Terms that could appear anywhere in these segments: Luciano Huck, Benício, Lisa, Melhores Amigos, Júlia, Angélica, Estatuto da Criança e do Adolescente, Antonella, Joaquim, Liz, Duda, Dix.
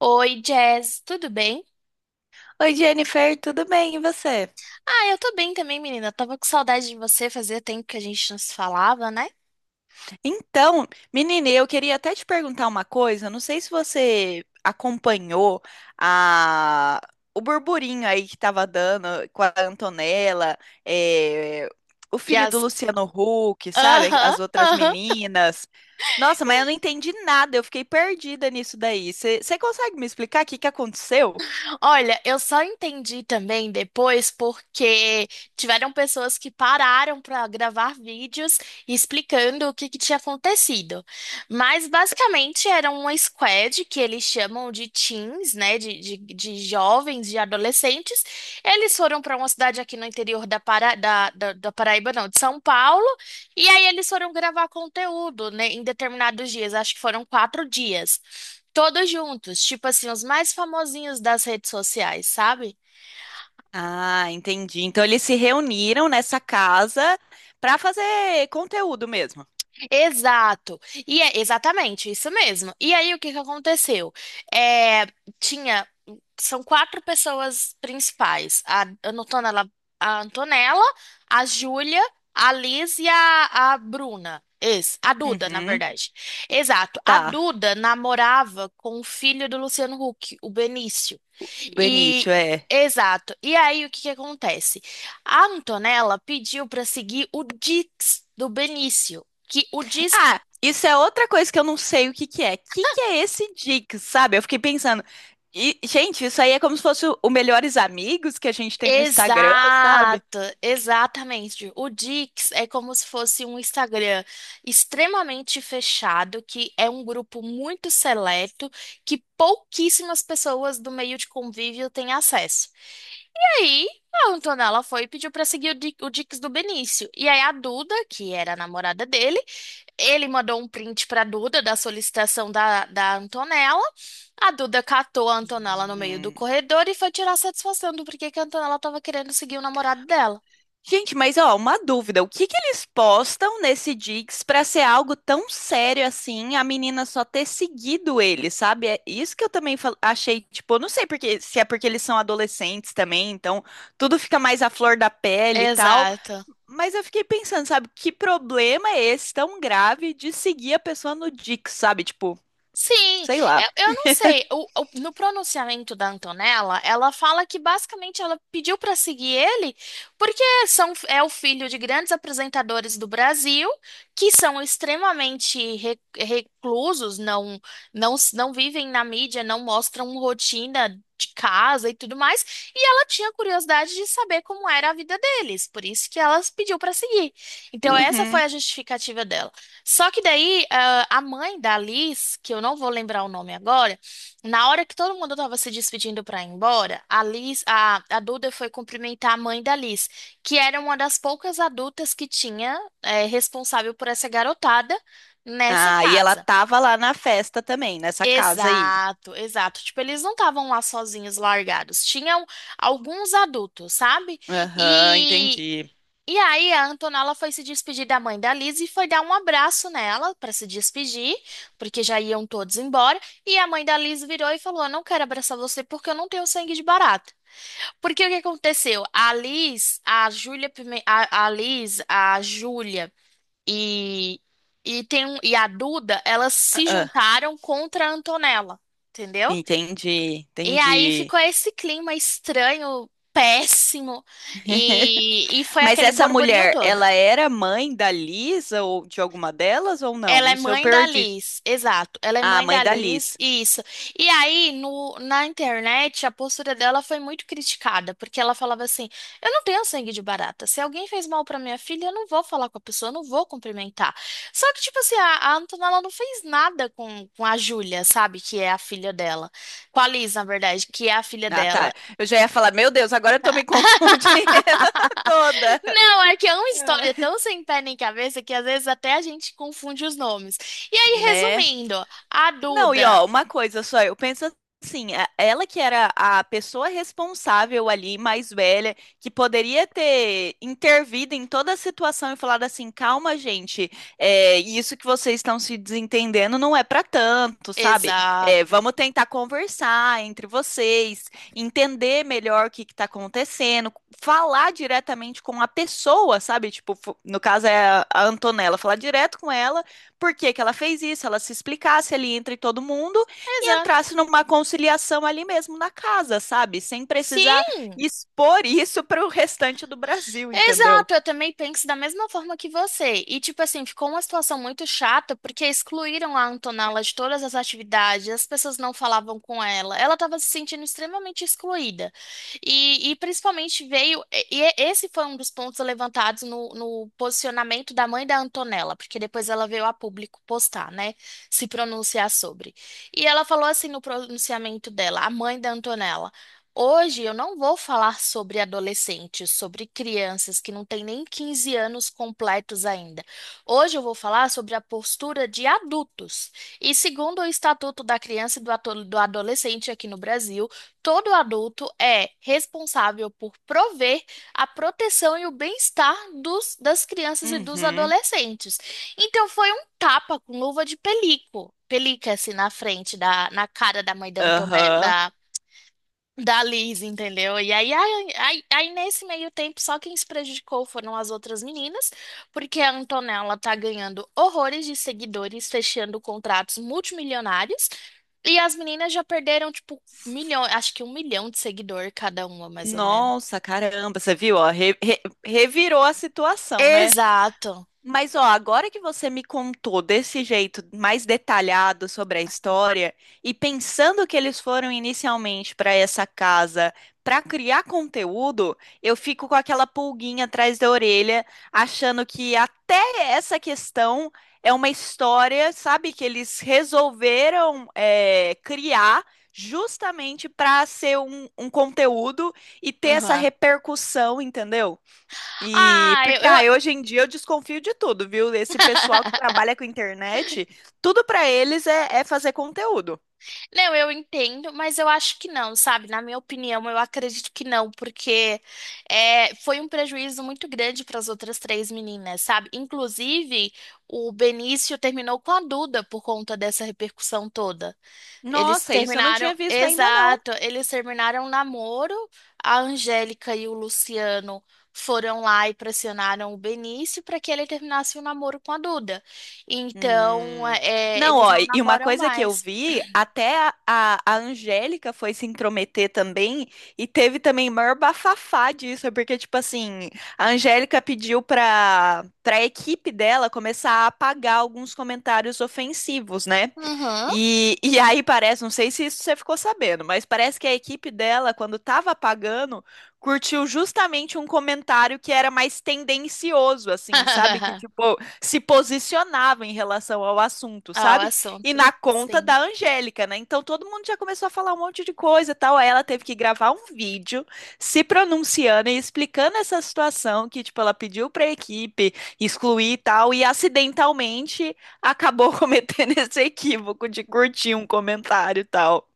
Oi, Jazz, tudo bem? Oi, Jennifer, tudo bem? E você? Ah, eu tô bem também, menina. Tava com saudade de você, fazia tempo que a gente não se falava, né? Então, menina, eu queria até te perguntar uma coisa. Não sei se você acompanhou a... o burburinho aí que tava dando com a Antonella, eh, o E filho do as. Luciano Huck, sabe? Aham, As outras aham. meninas. Nossa, mas eu não entendi nada, eu fiquei perdida nisso daí. Você consegue me explicar o que que aconteceu? Olha, eu só entendi também depois porque tiveram pessoas que pararam para gravar vídeos explicando o que que tinha acontecido. Mas basicamente era uma squad que eles chamam de teens, né? De jovens, de adolescentes. Eles foram para uma cidade aqui no interior da Paraíba, não, de São Paulo. E aí eles foram gravar conteúdo, né, em determinados dias. Acho que foram 4 dias. Todos juntos, tipo assim, os mais famosinhos das redes sociais, sabe? Ah, entendi. Então eles se reuniram nessa casa pra fazer conteúdo mesmo. Exato. E é exatamente isso mesmo. E aí o que que aconteceu? É, tinha são quatro pessoas principais. A Antonella, a Júlia, a Liz e a Bruna. A Duda, na Uhum. verdade. Exato. A Tá. Duda namorava com o filho do Luciano Huck, o Benício. E Benício, é. exato. E aí o que que acontece? A Antonella pediu para seguir o Dix do Benício. Que o disque. Ah, isso é outra coisa que eu não sei o que que é. Que é esse Dix, sabe? Eu fiquei pensando. E, gente, isso aí é como se fosse o Melhores Amigos que a gente tem no Instagram, sabe? Exato, exatamente. O Dix é como se fosse um Instagram extremamente fechado, que é um grupo muito seleto, que pouquíssimas pessoas do meio de convívio têm acesso. E aí, a Antonella foi e pediu para seguir o o Dix do Benício. E aí, a Duda, que era a namorada dele, ele mandou um print para Duda da solicitação da Antonella. A Duda catou a Antonella no meio do Hum. corredor e foi tirar satisfação do porquê que a Antonella estava querendo seguir o namorado dela. Gente, mas ó, uma dúvida. O que que eles postam nesse Dix pra ser algo tão sério assim, a menina só ter seguido ele, sabe? É isso que eu também achei, tipo, eu não sei porque, se é porque eles são adolescentes também, então tudo fica mais à flor da pele e tal. Exato. Mas eu fiquei pensando, sabe, que problema é esse tão grave de seguir a pessoa no Dix, sabe? Tipo, Sim, sei lá. eu não sei. No pronunciamento da Antonella, ela fala que basicamente ela pediu para seguir ele porque são, é o filho de grandes apresentadores do Brasil que são extremamente reclusos, não, não, não vivem na mídia, não mostram rotina de casa e tudo mais. E ela tinha curiosidade de saber como era a vida deles, por isso que ela pediu para seguir. Então, essa foi Uhum. a justificativa dela. Só que daí, ah, a mãe da Liz, que eu não vou lembrar o nome agora, na hora que todo mundo estava se despedindo para ir embora, a Duda foi cumprimentar a mãe da Liz, que era uma das poucas adultas que tinha responsável por essa garotada nessa Ah, e ela casa. tava lá na festa também, nessa casa aí. Exato, exato. Tipo, eles não estavam lá sozinhos, largados. Tinham alguns adultos, sabe? Aham, E entendi. e aí, a Antonella foi se despedir da mãe da Liz e foi dar um abraço nela para se despedir, porque já iam todos embora. E a mãe da Liz virou e falou: "Eu não quero abraçar você porque eu não tenho sangue de barata. Porque o que aconteceu? A Liz, a Júlia, Pime- a Liz, a Júlia e, e a Duda, elas se Ah, juntaram contra a Antonella, entendeu? entendi, E aí ficou entendi. esse clima estranho, péssimo, e foi Mas aquele essa borburinho mulher, todo. ela era mãe da Lisa ou de alguma delas ou não? Ela é Isso eu mãe da perdi. Liz, exato. Ela é Ah, mãe mãe da da Liz, Liz. isso. E aí, no, na internet, a postura dela foi muito criticada, porque ela falava assim: eu não tenho sangue de barata. Se alguém fez mal pra minha filha, eu não vou falar com a pessoa, eu não vou cumprimentar. Só que, tipo assim, a Antonella não fez nada com a Júlia, sabe? Que é a filha dela. Com a Liz, na verdade, que é a filha Ah, dela. tá. Eu já ia falar, meu Deus, agora eu tô me confundindo toda. Não, é que é uma história É. tão sem pé nem cabeça que às vezes até a gente confunde os nomes. E aí, Né? resumindo, a Não, e Duda. ó, uma coisa só, eu penso assim, ela que era a pessoa responsável ali, mais velha, que poderia ter intervido em toda a situação e falado assim, calma, gente, é, isso que vocês estão se desentendendo não é pra tanto, sabe? É, Exato, vamos tentar conversar entre vocês, entender melhor o que que tá acontecendo, falar diretamente com a pessoa, sabe? Tipo, no caso é a Antonella, falar direto com ela por que que ela fez isso, ela se explicasse ali entre todo mundo e exato. entrasse numa conciliação ali mesmo na casa, sabe? Sem precisar Sim. expor isso para o restante do Brasil, entendeu? Exato, eu também penso da mesma forma que você. E, tipo assim, ficou uma situação muito chata porque excluíram a Antonella de todas as atividades, as pessoas não falavam com ela, ela estava se sentindo extremamente excluída. E principalmente veio. E é, esse foi um dos pontos levantados no posicionamento da mãe da Antonella, porque depois ela veio a público postar, né? Se pronunciar sobre. E ela falou assim no pronunciamento dela, a mãe da Antonella. Hoje eu não vou falar sobre adolescentes, sobre crianças que não têm nem 15 anos completos ainda. Hoje eu vou falar sobre a postura de adultos. E segundo o Estatuto da Criança e do Adolescente aqui no Brasil, todo adulto é responsável por prover a proteção e o bem-estar das crianças e dos Uhum. adolescentes. Então foi um tapa com luva de pelico. Pelica assim na frente da, na cara da mãe da Aham. Antonella, da Liz, entendeu? E aí nesse meio tempo, só quem se prejudicou foram as outras meninas, porque a Antonella tá ganhando horrores de seguidores, fechando contratos multimilionários, e as meninas já perderam, tipo, milhão, acho que um milhão de seguidor cada uma, mais ou menos. Nossa, caramba, você viu? Ó, revirou a situação, né? Exato. Mas ó, agora que você me contou desse jeito mais detalhado sobre a história e pensando que eles foram inicialmente para essa casa para criar conteúdo, eu fico com aquela pulguinha atrás da orelha, achando que até essa questão é uma história, sabe, que eles resolveram é, criar justamente para ser um conteúdo e ter essa Aham. repercussão, entendeu? E Ah, porque ah, hoje em dia eu desconfio de tudo, viu? Esse pessoal que trabalha com internet, tudo pra eles é, é fazer conteúdo. Não, eu entendo, mas eu acho que não, sabe? Na minha opinião, eu acredito que não, porque é, foi um prejuízo muito grande para as outras três meninas, sabe? Inclusive, o Benício terminou com a Duda por conta dessa repercussão toda. Eles Nossa, isso eu não terminaram, tinha visto ainda não. exato, eles terminaram um namoro, a Angélica e o Luciano. Foram lá e pressionaram o Benício para que ele terminasse o namoro com a Duda. Então, Hum. é, Não, eles ó, não e uma namoram coisa que eu mais. vi, até a Angélica foi se intrometer também, e teve também maior bafafá disso, é porque, tipo assim, a Angélica pediu pra equipe dela começar a apagar alguns comentários ofensivos, né? Uhum. E aí parece, não sei se isso você ficou sabendo, mas parece que a equipe dela, quando tava apagando, curtiu justamente um comentário que era mais tendencioso, assim, sabe? Que, tipo, se posicionava em relação ao assunto, Ah, o sabe? E assunto. na conta Sim. da Angélica, né? Então todo mundo já começou a falar um monte de coisa e tal. Aí ela teve que gravar um vídeo se pronunciando e explicando essa situação que, tipo, ela pediu pra equipe excluir e tal, e acidentalmente acabou cometendo esse equívoco de curtir um comentário e tal.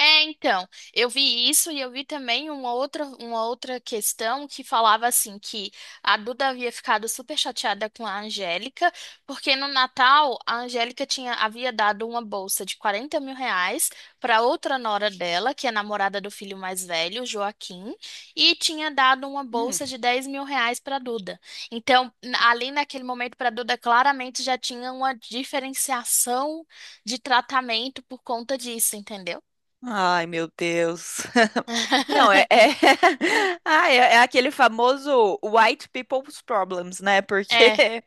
É, então, eu vi isso e eu vi também uma outra questão que falava assim que a Duda havia ficado super chateada com a Angélica, porque no Natal a Angélica tinha, havia dado uma bolsa de 40 mil reais para outra nora dela, que é namorada do filho mais velho, Joaquim, e tinha dado uma Hum. bolsa de 10 mil reais para Duda. Então, ali naquele momento para Duda claramente já tinha uma diferenciação de tratamento por conta disso, entendeu? Ai, meu Deus. Não, é, é... Ah, é, é aquele famoso white people's problems, né? Porque É,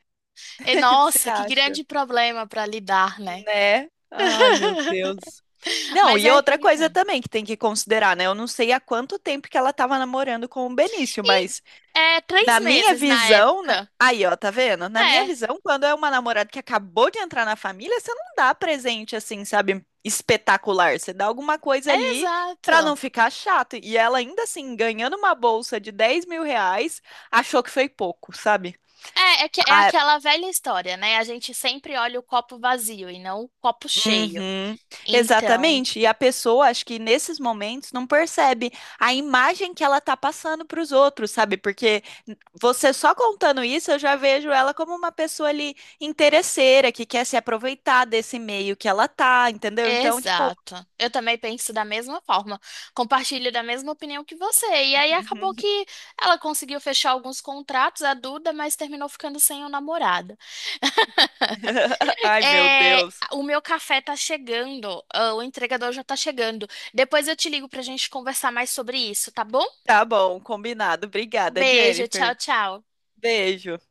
e Você nossa, que acha, grande problema para lidar, né? né? Ai, meu Deus. Não, Mas e é outra coisa complicado. também que tem que considerar, né? Eu não sei há quanto tempo que ela estava namorando com o Benício, E mas é três na minha meses na visão, né? época. Aí, ó, tá vendo? Na minha É, visão, quando é uma namorada que acabou de entrar na família, você não dá presente assim, sabe? Espetacular. Você dá alguma coisa é ali pra não exato. ficar chato. E ela ainda assim, ganhando uma bolsa de 10 mil reais, achou que foi pouco, sabe? É é aquela velha história, né? A gente sempre olha o copo vazio e não o copo cheio. Uhum, Então, exatamente. E a pessoa, acho que nesses momentos, não percebe a imagem que ela tá passando para os outros, sabe? Porque você só contando isso, eu já vejo ela como uma pessoa ali interesseira, que quer se aproveitar desse meio que ela tá, entendeu? Então, tipo. exato. Eu também penso da mesma forma. Compartilho da mesma opinião que você. E aí acabou que ela conseguiu fechar alguns contratos, a Duda, mas terminou ficando sem o namorado. Ai, meu É, Deus. o meu café tá chegando, ah, o entregador já tá chegando. Depois eu te ligo pra gente conversar mais sobre isso, tá bom? Tá bom, combinado. Um Obrigada, beijo, tchau, Jennifer. tchau. Beijo.